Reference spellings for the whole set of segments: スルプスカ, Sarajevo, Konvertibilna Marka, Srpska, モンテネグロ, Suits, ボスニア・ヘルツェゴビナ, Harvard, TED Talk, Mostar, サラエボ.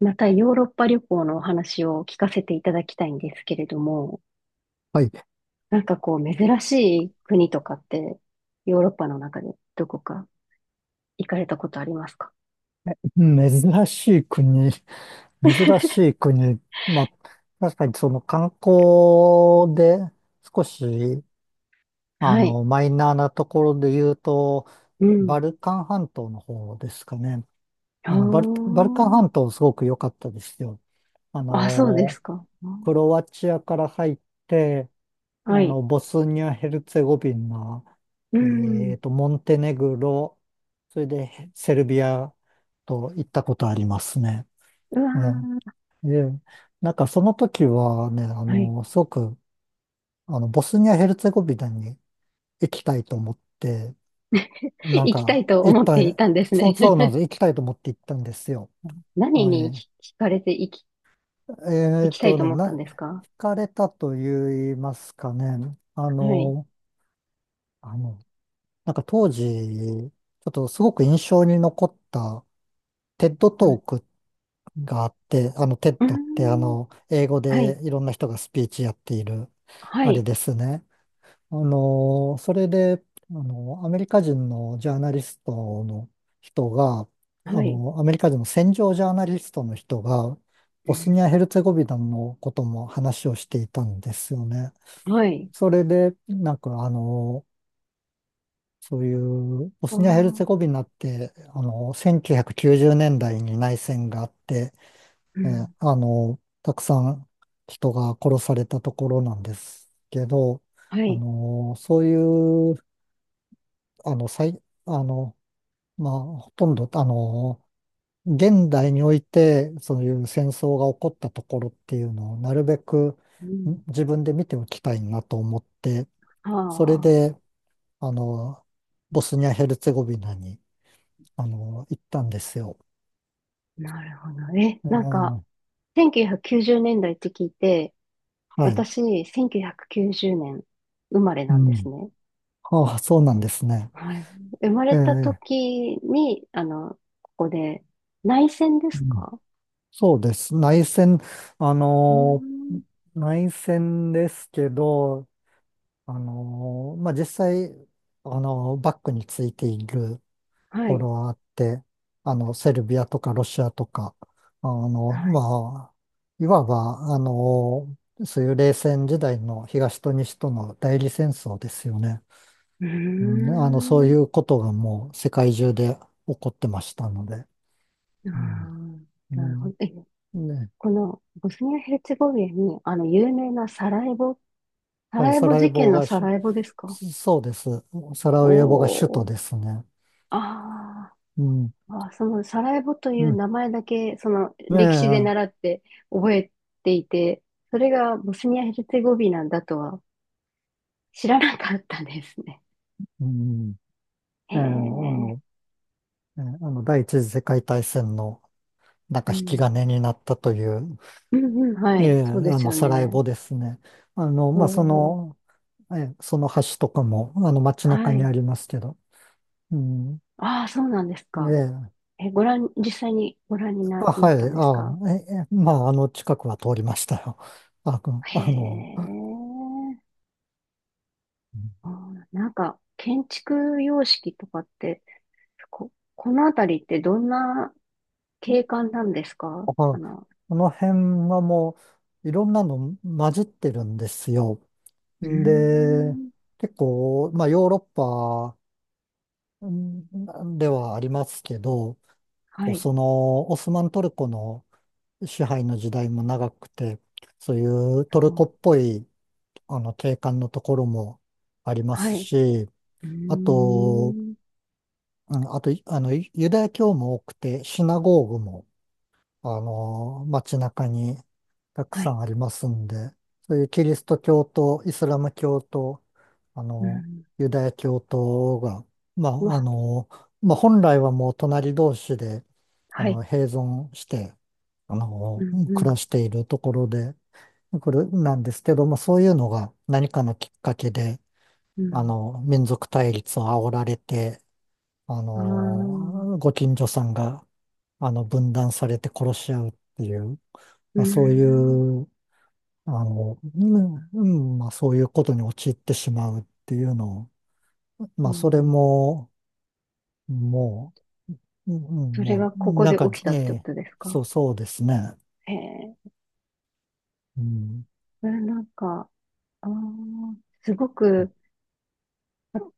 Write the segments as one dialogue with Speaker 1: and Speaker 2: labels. Speaker 1: またヨーロッパ旅行のお話を聞かせていただきたいんですけれども、
Speaker 2: はい。
Speaker 1: なんかこう珍しい国とかってヨーロッパの中でどこか行かれたことありますか？
Speaker 2: 珍しい国、珍しい国。まあ、確かにその観光で少し、あ
Speaker 1: はい。
Speaker 2: の、マイナーなところで言うと、
Speaker 1: うん。
Speaker 2: バルカン半島の方ですかね。
Speaker 1: あー。
Speaker 2: バルカン半島すごく良かったですよ。あ
Speaker 1: あ、そうで
Speaker 2: の、
Speaker 1: すか。
Speaker 2: クロアチアから入って、あ
Speaker 1: はい。
Speaker 2: の、ボスニア・ヘルツェゴビナ、
Speaker 1: うん。う
Speaker 2: モンテネグロ、それでセルビアと行ったことありますね。え
Speaker 1: わ
Speaker 2: え、ええ、なんかその時はね、あ
Speaker 1: ー。はい。
Speaker 2: の、すごく、あの、ボスニア・ヘルツェゴビナに行きたいと思って、なん
Speaker 1: 行きたい
Speaker 2: か、
Speaker 1: と
Speaker 2: 行っ
Speaker 1: 思っ
Speaker 2: た、
Speaker 1: ていたんです
Speaker 2: そ
Speaker 1: ね。
Speaker 2: うそうなん です、行きたいと思って行ったんですよ。
Speaker 1: 何
Speaker 2: は
Speaker 1: に
Speaker 2: い。
Speaker 1: 惹かれて行き、行きたいと思ったん
Speaker 2: 惹
Speaker 1: ですか？
Speaker 2: かれたと言いますかね、あ
Speaker 1: はい。
Speaker 2: の、あの、なんか当時、ちょっとすごく印象に残ったテッド
Speaker 1: う
Speaker 2: ト
Speaker 1: ん。
Speaker 2: ークがあって、あの、テッ
Speaker 1: うー
Speaker 2: ドってあ
Speaker 1: ん。
Speaker 2: の、英語
Speaker 1: はい。
Speaker 2: でいろんな人がスピーチやっている、
Speaker 1: は
Speaker 2: あれ
Speaker 1: い。
Speaker 2: ですね。それで、あのーアメリカ人のジャーナリストの人が、あ
Speaker 1: はい。
Speaker 2: のーアメリカ人の戦場ジャーナリストの人が、
Speaker 1: う
Speaker 2: ボスニ
Speaker 1: ん。
Speaker 2: ア・ヘルツェゴビナのことも話をしていたんですよね。
Speaker 1: はい。
Speaker 2: それで、そういう、ボ
Speaker 1: あ
Speaker 2: スニア・ヘルツェゴ
Speaker 1: あ。
Speaker 2: ビナって、あのー1990年代に内戦があって、
Speaker 1: うん。
Speaker 2: たくさん人が殺されたところなんですけど、
Speaker 1: は
Speaker 2: あ
Speaker 1: い。
Speaker 2: のーそういうあの、最、あの、まあ、ほとんど、あの、現代において、そういう戦争が起こったところっていうのを、なるべく
Speaker 1: うん。
Speaker 2: 自分で見ておきたいなと思って、
Speaker 1: は
Speaker 2: それ
Speaker 1: あ、
Speaker 2: で、あの、ボスニア・ヘルツェゴビナに、あの、行ったんですよ。
Speaker 1: なるほど。ね、なんか、
Speaker 2: ええ、
Speaker 1: 1990年代って聞いて、
Speaker 2: はい。
Speaker 1: 私、1990年生まれな
Speaker 2: う
Speaker 1: んです
Speaker 2: ん。
Speaker 1: ね。
Speaker 2: ああ、そうなんですね。
Speaker 1: はい。生まれた
Speaker 2: ええ、
Speaker 1: 時に、ここで、内戦で
Speaker 2: う
Speaker 1: す
Speaker 2: ん、
Speaker 1: か？
Speaker 2: そうです。内戦、あ
Speaker 1: うー
Speaker 2: の、
Speaker 1: ん。
Speaker 2: 内戦ですけど、まあ、実際、あのーバックについていると
Speaker 1: は
Speaker 2: こ
Speaker 1: い。
Speaker 2: ろはあって、あの、セルビアとかロシアとか、あの、
Speaker 1: はい。
Speaker 2: まあ、いわば、あのーそういう冷戦時代の東と西との代理戦争ですよね。
Speaker 1: う
Speaker 2: う
Speaker 1: ー
Speaker 2: ん、あの、そうい
Speaker 1: ん。
Speaker 2: うことがもう世界中で起こってましたので。
Speaker 1: あ
Speaker 2: うん。
Speaker 1: ー、
Speaker 2: う
Speaker 1: なるほ
Speaker 2: ん。
Speaker 1: ど。え、
Speaker 2: ね、
Speaker 1: このボスニア・ヘルツェゴビナに、有名なサ
Speaker 2: はい、
Speaker 1: ラエ
Speaker 2: サ
Speaker 1: ボ
Speaker 2: ラエ
Speaker 1: 事
Speaker 2: ボ
Speaker 1: 件の
Speaker 2: が
Speaker 1: サ
Speaker 2: し、
Speaker 1: ラエボですか？
Speaker 2: そうです。サラエボが首
Speaker 1: お
Speaker 2: 都
Speaker 1: ー。
Speaker 2: ですね。
Speaker 1: あ
Speaker 2: うん。
Speaker 1: ー。あ、そのサラエボとい
Speaker 2: う
Speaker 1: う
Speaker 2: ん。
Speaker 1: 名前だけ、その
Speaker 2: ね
Speaker 1: 歴史で習
Speaker 2: え。
Speaker 1: って覚えていて、それがボスニア・ヘルツェゴビナだとは知らなかったですね。
Speaker 2: うん、
Speaker 1: へ
Speaker 2: ええ、
Speaker 1: え。
Speaker 2: あの、第一次世界大戦のなん
Speaker 1: う
Speaker 2: か引き
Speaker 1: ん。
Speaker 2: 金になったという、
Speaker 1: うんうん、は
Speaker 2: え
Speaker 1: い。
Speaker 2: え、あ
Speaker 1: そうです
Speaker 2: の、
Speaker 1: よ
Speaker 2: サラエ
Speaker 1: ね。
Speaker 2: ボですね。あの、まあ、そ
Speaker 1: ほう。
Speaker 2: の、ええ、その橋とかも、あの、街
Speaker 1: は
Speaker 2: 中に
Speaker 1: い。
Speaker 2: ありますけど、うん、
Speaker 1: ああ、そうなんです
Speaker 2: え
Speaker 1: か。
Speaker 2: え、
Speaker 1: え、実際にご覧に
Speaker 2: あ、
Speaker 1: な
Speaker 2: は
Speaker 1: っ
Speaker 2: い、
Speaker 1: たんですか？
Speaker 2: あ、ええ、まあ、あの、近くは通りましたよ。あ、く、
Speaker 1: へ
Speaker 2: あの、
Speaker 1: え。
Speaker 2: う
Speaker 1: あ
Speaker 2: ん、
Speaker 1: ー、なんか、建築様式とかって、このあたりってどんな景観なんですか？
Speaker 2: あ、この辺はもう、いろんなの混じってるんですよ。
Speaker 1: うー
Speaker 2: で、
Speaker 1: ん。
Speaker 2: 結構、まあ、ヨーロッうんではありますけど、
Speaker 1: は
Speaker 2: こう
Speaker 1: い。
Speaker 2: そのオスマントルコの支配の時代も長くて、そういうト
Speaker 1: そ
Speaker 2: ルコ
Speaker 1: う。
Speaker 2: っぽいあの景観のところもありま
Speaker 1: は
Speaker 2: す
Speaker 1: い。
Speaker 2: し、
Speaker 1: うー
Speaker 2: あと、
Speaker 1: ん。
Speaker 2: うん、あと、あの、ユダヤ教も多くて、シナゴーグもあの、街中にたく
Speaker 1: は
Speaker 2: さ
Speaker 1: い。
Speaker 2: んありますんで、そういうキリスト教とイスラム教と、あ
Speaker 1: う
Speaker 2: の、
Speaker 1: ん。
Speaker 2: ユダヤ教徒が、ま
Speaker 1: う
Speaker 2: あ、あ
Speaker 1: わ。
Speaker 2: の、まあ、本来はもう隣同士で、あ
Speaker 1: はい。
Speaker 2: の、併存して、あ
Speaker 1: う
Speaker 2: の、
Speaker 1: ん。
Speaker 2: 暮
Speaker 1: う
Speaker 2: らしているところで、これなんですけど、まあ、そういうのが何かのきっかけで、あ
Speaker 1: ん。
Speaker 2: の、民族対立を煽られて、あ
Speaker 1: うん。あ
Speaker 2: の、
Speaker 1: あ。
Speaker 2: ご近所さんが、あの、分断されて殺し合うっていう、
Speaker 1: うー
Speaker 2: まあ、そうい
Speaker 1: ん。
Speaker 2: う、あの、うん、うん、まあ、そういうことに陥ってしまうっていうのを、
Speaker 1: う
Speaker 2: まあ、それ
Speaker 1: ん。
Speaker 2: も、もう、うん、うん、
Speaker 1: それ
Speaker 2: もう、
Speaker 1: がここ
Speaker 2: なん
Speaker 1: で
Speaker 2: か、
Speaker 1: 起きたってこ
Speaker 2: ね、
Speaker 1: とですか？
Speaker 2: そうですね。
Speaker 1: へえ。
Speaker 2: うん。
Speaker 1: うん。なんか、ああ、すごく、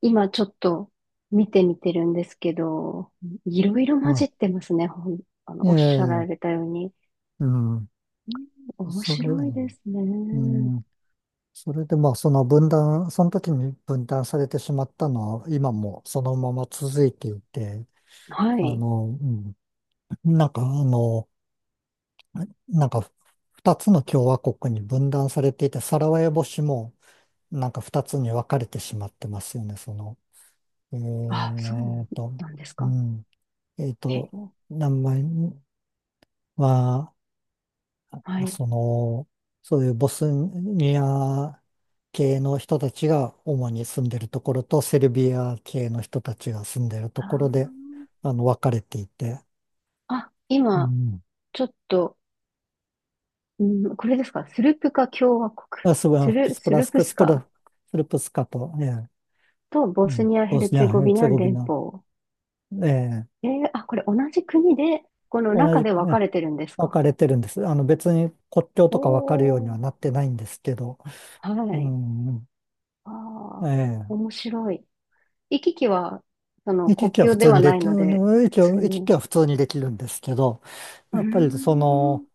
Speaker 1: 今ちょっと見てみてるんですけど、いろいろ
Speaker 2: ま
Speaker 1: 混じ
Speaker 2: あ、
Speaker 1: ってますね、ほん、
Speaker 2: え
Speaker 1: おっしゃら
Speaker 2: え、
Speaker 1: れたように。
Speaker 2: うん。
Speaker 1: うん。面
Speaker 2: それ、
Speaker 1: 白いです
Speaker 2: う
Speaker 1: ね。
Speaker 2: ん。それで、まあ、その分断、その時に分断されてしまったのは、今もそのまま続いていて、
Speaker 1: は
Speaker 2: あ
Speaker 1: い。
Speaker 2: の、うん、なんか、あの、なんか二つの共和国に分断されていて、サラワエボ市もなんか二つに分かれてしまってますよね、その。え
Speaker 1: あ、そう
Speaker 2: ーと、
Speaker 1: なんです
Speaker 2: う
Speaker 1: か。
Speaker 2: ん。えー
Speaker 1: へ
Speaker 2: と、
Speaker 1: え。
Speaker 2: 名前は、
Speaker 1: はい。
Speaker 2: その、そういうボスニア系の人たちが主に住んでるところと、セルビア系の人たちが住んでると
Speaker 1: あー、
Speaker 2: ころで、あの、分かれていて、
Speaker 1: あ、
Speaker 2: う
Speaker 1: 今、
Speaker 2: ん。
Speaker 1: ちょっと、うん、これですか。スルプカ共和国。
Speaker 2: あ、すごい、
Speaker 1: スルプスカ
Speaker 2: スルプスカと、ええ、
Speaker 1: とボ
Speaker 2: う
Speaker 1: ス
Speaker 2: ん、
Speaker 1: ニア・ヘ
Speaker 2: ボ
Speaker 1: ル
Speaker 2: スニ
Speaker 1: ツェ
Speaker 2: ア・
Speaker 1: ゴ
Speaker 2: ヘル
Speaker 1: ビ
Speaker 2: ツ
Speaker 1: ナ
Speaker 2: ェゴビ
Speaker 1: 連
Speaker 2: ナ、
Speaker 1: 邦。
Speaker 2: ええ、
Speaker 1: あ、これ同じ国で、この
Speaker 2: 同
Speaker 1: 中
Speaker 2: じ
Speaker 1: で
Speaker 2: く
Speaker 1: 分か
Speaker 2: ね、
Speaker 1: れてるんです
Speaker 2: 分
Speaker 1: か？
Speaker 2: かれてるんです。あの別に国
Speaker 1: ほ
Speaker 2: 境とか分かるようにはな
Speaker 1: ー。
Speaker 2: ってないんですけど、
Speaker 1: は
Speaker 2: う
Speaker 1: い。
Speaker 2: ん、
Speaker 1: あ
Speaker 2: え
Speaker 1: あ、
Speaker 2: え、
Speaker 1: 面白い。行き来は、国境ではないので、普通
Speaker 2: 行き
Speaker 1: に。
Speaker 2: 来は普通にできるんですけど、
Speaker 1: うー
Speaker 2: やっぱりその、
Speaker 1: ん。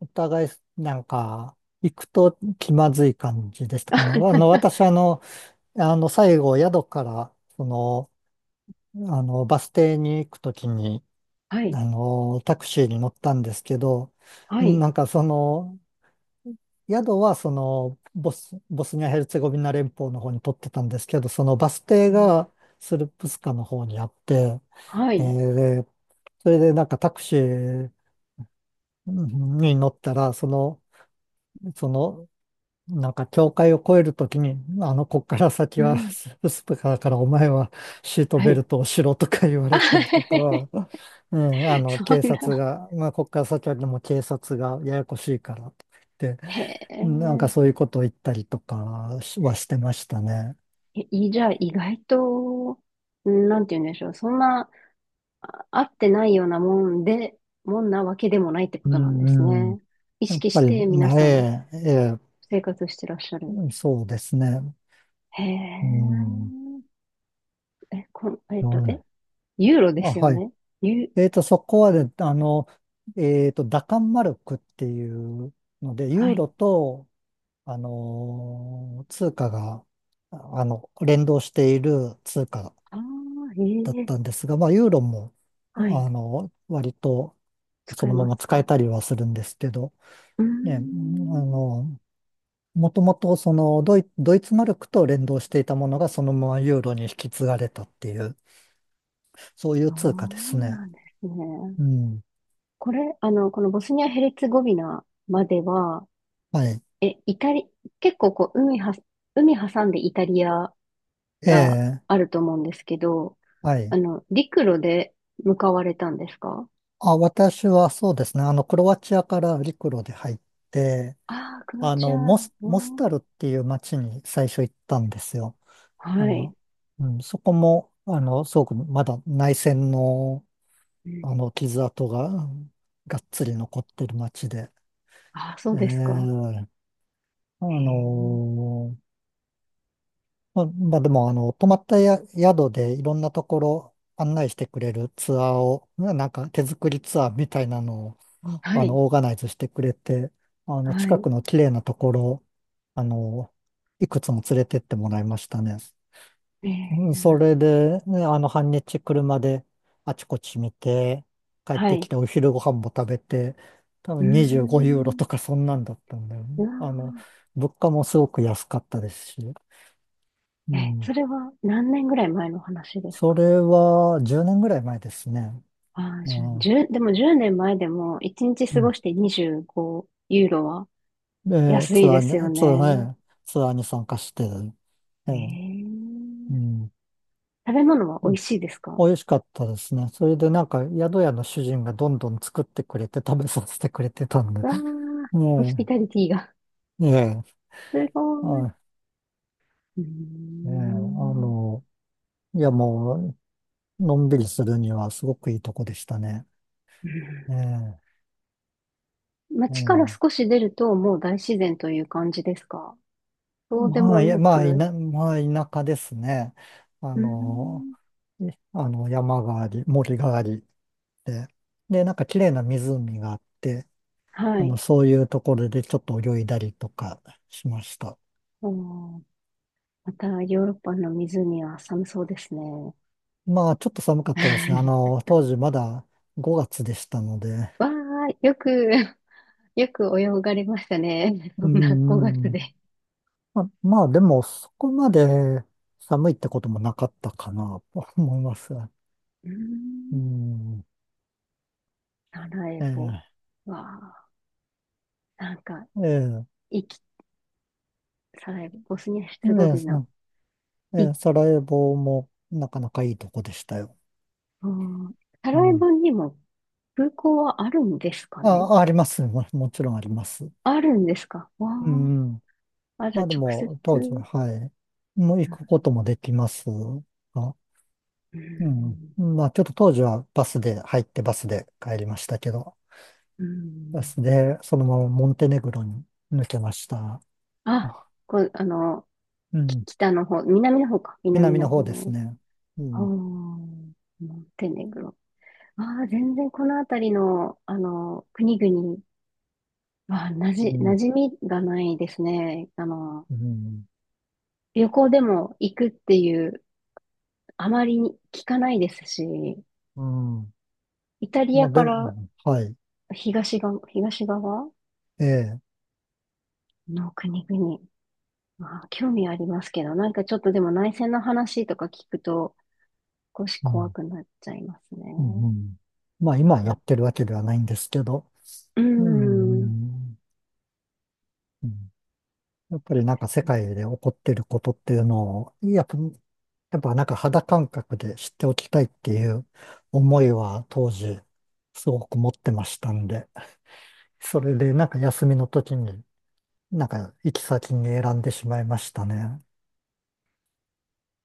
Speaker 2: お互いなんか、行くと気まずい感じでしたかね。あの、私あの、あの、最後宿から、その、あの、バス停に行くときに、
Speaker 1: はい。
Speaker 2: あの、タクシーに乗ったんですけど、
Speaker 1: は
Speaker 2: うん、
Speaker 1: い。
Speaker 2: なんかその、宿はその、ボス、ボスニア・ヘルツェゴビナ連邦の方に取ってたんですけど、そのバス停
Speaker 1: うん。
Speaker 2: がスルプスカの方にあって、
Speaker 1: は
Speaker 2: え
Speaker 1: い。
Speaker 2: ー、それでなんかタクシーに乗ったら、その、なんか境界を越えるときに、あの、こっから
Speaker 1: う
Speaker 2: 先は
Speaker 1: ん。
Speaker 2: ススプカーからお前はシート
Speaker 1: は
Speaker 2: ベル
Speaker 1: い。
Speaker 2: トをしろとか言わ
Speaker 1: あ。
Speaker 2: れたりとか、うん、あの、
Speaker 1: そ
Speaker 2: 警
Speaker 1: ん
Speaker 2: 察
Speaker 1: な。
Speaker 2: が、まあ、こっから先はでも警察がややこしいからとか言って、
Speaker 1: へえ。
Speaker 2: なんかそういうことを言ったりとかはしてましたね。
Speaker 1: え、いじゃあ、意外と、なんて言うんでしょう。そんな、あ、合ってないようなもんで、もんなわけでもないってこ
Speaker 2: う
Speaker 1: となんです
Speaker 2: ん、うん。
Speaker 1: ね。意
Speaker 2: やっ
Speaker 1: 識
Speaker 2: ぱ
Speaker 1: し
Speaker 2: り
Speaker 1: て皆
Speaker 2: 前、
Speaker 1: さん
Speaker 2: ええ、
Speaker 1: 生活してらっしゃる。
Speaker 2: そうですね。
Speaker 1: へ
Speaker 2: うん。
Speaker 1: え。え、こん、
Speaker 2: そうね、
Speaker 1: ユーロで
Speaker 2: まあ、
Speaker 1: すよ
Speaker 2: はい。
Speaker 1: ね？ユ、
Speaker 2: えっと、そこはね、あの、えっと、ダカンマルクっていうので、
Speaker 1: は
Speaker 2: ユー
Speaker 1: い。
Speaker 2: ロと、あのー通貨が、あの、連動している通貨
Speaker 1: あ
Speaker 2: だっ
Speaker 1: あ、え
Speaker 2: たん
Speaker 1: え。
Speaker 2: ですが、まあ、ユーロも、
Speaker 1: はい。
Speaker 2: あの、割とそ
Speaker 1: 使え
Speaker 2: のま
Speaker 1: ま
Speaker 2: ま
Speaker 1: す
Speaker 2: 使え
Speaker 1: か？
Speaker 2: たりはするんですけど、
Speaker 1: うー
Speaker 2: ね、あ
Speaker 1: ん。
Speaker 2: の、もともとそのドイ、ドイツマルクと連動していたものがそのままユーロに引き継がれたっていう、そういう
Speaker 1: そ
Speaker 2: 通貨です
Speaker 1: う
Speaker 2: ね。
Speaker 1: なんですね。
Speaker 2: うん。
Speaker 1: これ、このボスニア・ヘルツェゴビナまでは、
Speaker 2: はい。
Speaker 1: え、イタリ、結構こう、海挟んでイタリア
Speaker 2: え
Speaker 1: が
Speaker 2: え、
Speaker 1: あると思うんですけど、
Speaker 2: はい。
Speaker 1: 陸路で向かわれたんですか？
Speaker 2: あ、私はそうですね。あの、クロアチアから陸路で入って、
Speaker 1: ああー、クロアチア、う
Speaker 2: モス
Speaker 1: ん。
Speaker 2: タルっていう町に最初行ったんですよ。あ
Speaker 1: はい。
Speaker 2: の、うん、そこも、あの、すごくまだ内戦の、
Speaker 1: うん、
Speaker 2: あの、傷跡が、うん、がっつり残ってる町で、
Speaker 1: ああ、そうですか。
Speaker 2: ええ、あ
Speaker 1: へえ。
Speaker 2: の、まあ、まあでも、あの、泊まったや宿でいろんなところ案内してくれるツアーを、なんか手作りツアーみたいなのを、
Speaker 1: は
Speaker 2: あ
Speaker 1: い。
Speaker 2: の、オーガナイズしてくれて、あの、
Speaker 1: は
Speaker 2: 近
Speaker 1: い。
Speaker 2: くの綺麗なところ、あの、いくつも連れてってもらいましたね。
Speaker 1: え
Speaker 2: うん、そ
Speaker 1: え。
Speaker 2: れで、ね、あの、半日車であちこち見て、帰っ
Speaker 1: は
Speaker 2: てき
Speaker 1: い。
Speaker 2: てお昼ご飯も食べて、多
Speaker 1: うー
Speaker 2: 分25ユーロ
Speaker 1: ん。
Speaker 2: とかそんなんだったんだよ
Speaker 1: う
Speaker 2: ね。あの、
Speaker 1: わ
Speaker 2: 物価もすごく安かったですし。う
Speaker 1: ー。え、そ
Speaker 2: ん、
Speaker 1: れは何年ぐらい前の話です
Speaker 2: そ
Speaker 1: か？
Speaker 2: れは10年ぐらい前ですね。
Speaker 1: ああ、じゅ
Speaker 2: ね、
Speaker 1: じゅでも10年前でも1日
Speaker 2: う
Speaker 1: 過ご
Speaker 2: ん。
Speaker 1: して25ユーロは
Speaker 2: で、
Speaker 1: 安いですよね。
Speaker 2: ツアーに参加して、え
Speaker 1: ね
Speaker 2: え、う
Speaker 1: え。
Speaker 2: ん。
Speaker 1: 食べ物は美
Speaker 2: そう
Speaker 1: 味
Speaker 2: で
Speaker 1: し
Speaker 2: す、
Speaker 1: いですか？
Speaker 2: 美味しかったですね。それでなんか宿屋の主人がどんどん作ってくれて食べさせてくれてたんで。
Speaker 1: わあ、ホスピ
Speaker 2: ね
Speaker 1: タリティが。
Speaker 2: え、ね
Speaker 1: す
Speaker 2: え、
Speaker 1: ごい。う
Speaker 2: は
Speaker 1: ー
Speaker 2: い、ねえ、あ
Speaker 1: ん。
Speaker 2: の、いやもう、のんびりするにはすごくいいとこでしたね。
Speaker 1: うん。
Speaker 2: ええ、え
Speaker 1: 街から
Speaker 2: え、
Speaker 1: 少し出るともう大自然という感じですか？そうで
Speaker 2: ま
Speaker 1: も
Speaker 2: あ、
Speaker 1: なく。
Speaker 2: まあ、田舎ですね。あ
Speaker 1: うー
Speaker 2: の、
Speaker 1: ん。
Speaker 2: い、あの、山があり、森がありで、で、なんか綺麗な湖があって、
Speaker 1: は
Speaker 2: あの、
Speaker 1: い。
Speaker 2: そういうところでちょっと泳いだりとかしました。
Speaker 1: おー。またヨーロッパの湖は寒そうですね。
Speaker 2: まあ、ちょっと寒かったですね。あ の、当時まだ5月でしたので、
Speaker 1: わあ、よく。よく泳がれましたね。
Speaker 2: う
Speaker 1: そんな5月
Speaker 2: ん、うん、
Speaker 1: で。
Speaker 2: まあ、でも、そこまで寒いってこともなかったかなと思います。
Speaker 1: うー
Speaker 2: う
Speaker 1: ん。
Speaker 2: ん、
Speaker 1: サラエ
Speaker 2: ええ、
Speaker 1: ボは、なんか、
Speaker 2: ええ、
Speaker 1: いき、サラエボ、ボスニア・ヘルツェ
Speaker 2: え
Speaker 1: ゴ
Speaker 2: え、
Speaker 1: ビナ、
Speaker 2: え
Speaker 1: い、
Speaker 2: え、サラエボもなかなかいいとこでしたよ。
Speaker 1: うん、サ
Speaker 2: う
Speaker 1: ラエ
Speaker 2: ん、
Speaker 1: ボにも空港はあるんですかね？
Speaker 2: あ、あります。もちろんあります。
Speaker 1: あるんですか？わ
Speaker 2: うん。
Speaker 1: あ、あ、じ
Speaker 2: ま
Speaker 1: ゃあ
Speaker 2: あで
Speaker 1: 直接、
Speaker 2: も、当時は、
Speaker 1: う
Speaker 2: はい。もう行くこともできますが。
Speaker 1: ん。
Speaker 2: うん。まあちょっと当時はバスで入ってバスで帰りましたけど、
Speaker 1: う
Speaker 2: バ
Speaker 1: ん。
Speaker 2: スでそのままモンテネグロに抜けました。
Speaker 1: あ、
Speaker 2: あ、
Speaker 1: こう、
Speaker 2: うん。
Speaker 1: 北の方、南の方か、南
Speaker 2: 南
Speaker 1: の
Speaker 2: の方です
Speaker 1: 方、
Speaker 2: ね。う
Speaker 1: あー、
Speaker 2: ん。
Speaker 1: モンテネグロ。ああ、全然この辺りの、国々は、
Speaker 2: う
Speaker 1: 馴
Speaker 2: ん。
Speaker 1: 染みがないですね。
Speaker 2: うん。
Speaker 1: 旅行でも行くっていう、あまり聞かないですし、
Speaker 2: うん。
Speaker 1: イタリ
Speaker 2: ま
Speaker 1: ア
Speaker 2: あ
Speaker 1: か
Speaker 2: で
Speaker 1: ら
Speaker 2: も、はい。
Speaker 1: 東側
Speaker 2: ええ。
Speaker 1: の国々、まあ、興味ありますけど、なんかちょっとでも内戦の話とか聞くと、少し
Speaker 2: う
Speaker 1: 怖
Speaker 2: ん。
Speaker 1: くなっちゃいますね。
Speaker 2: うん。うん、まあ今やってるわけではないんですけど。
Speaker 1: う
Speaker 2: う
Speaker 1: ん。
Speaker 2: ん。うん、やっぱりなんか世界で起こってることっていうのを、やっぱなんか肌感覚で知っておきたいっていう思いは当時すごく持ってましたんで、それでなんか休みの時になんか行き先に選んでしまいましたね。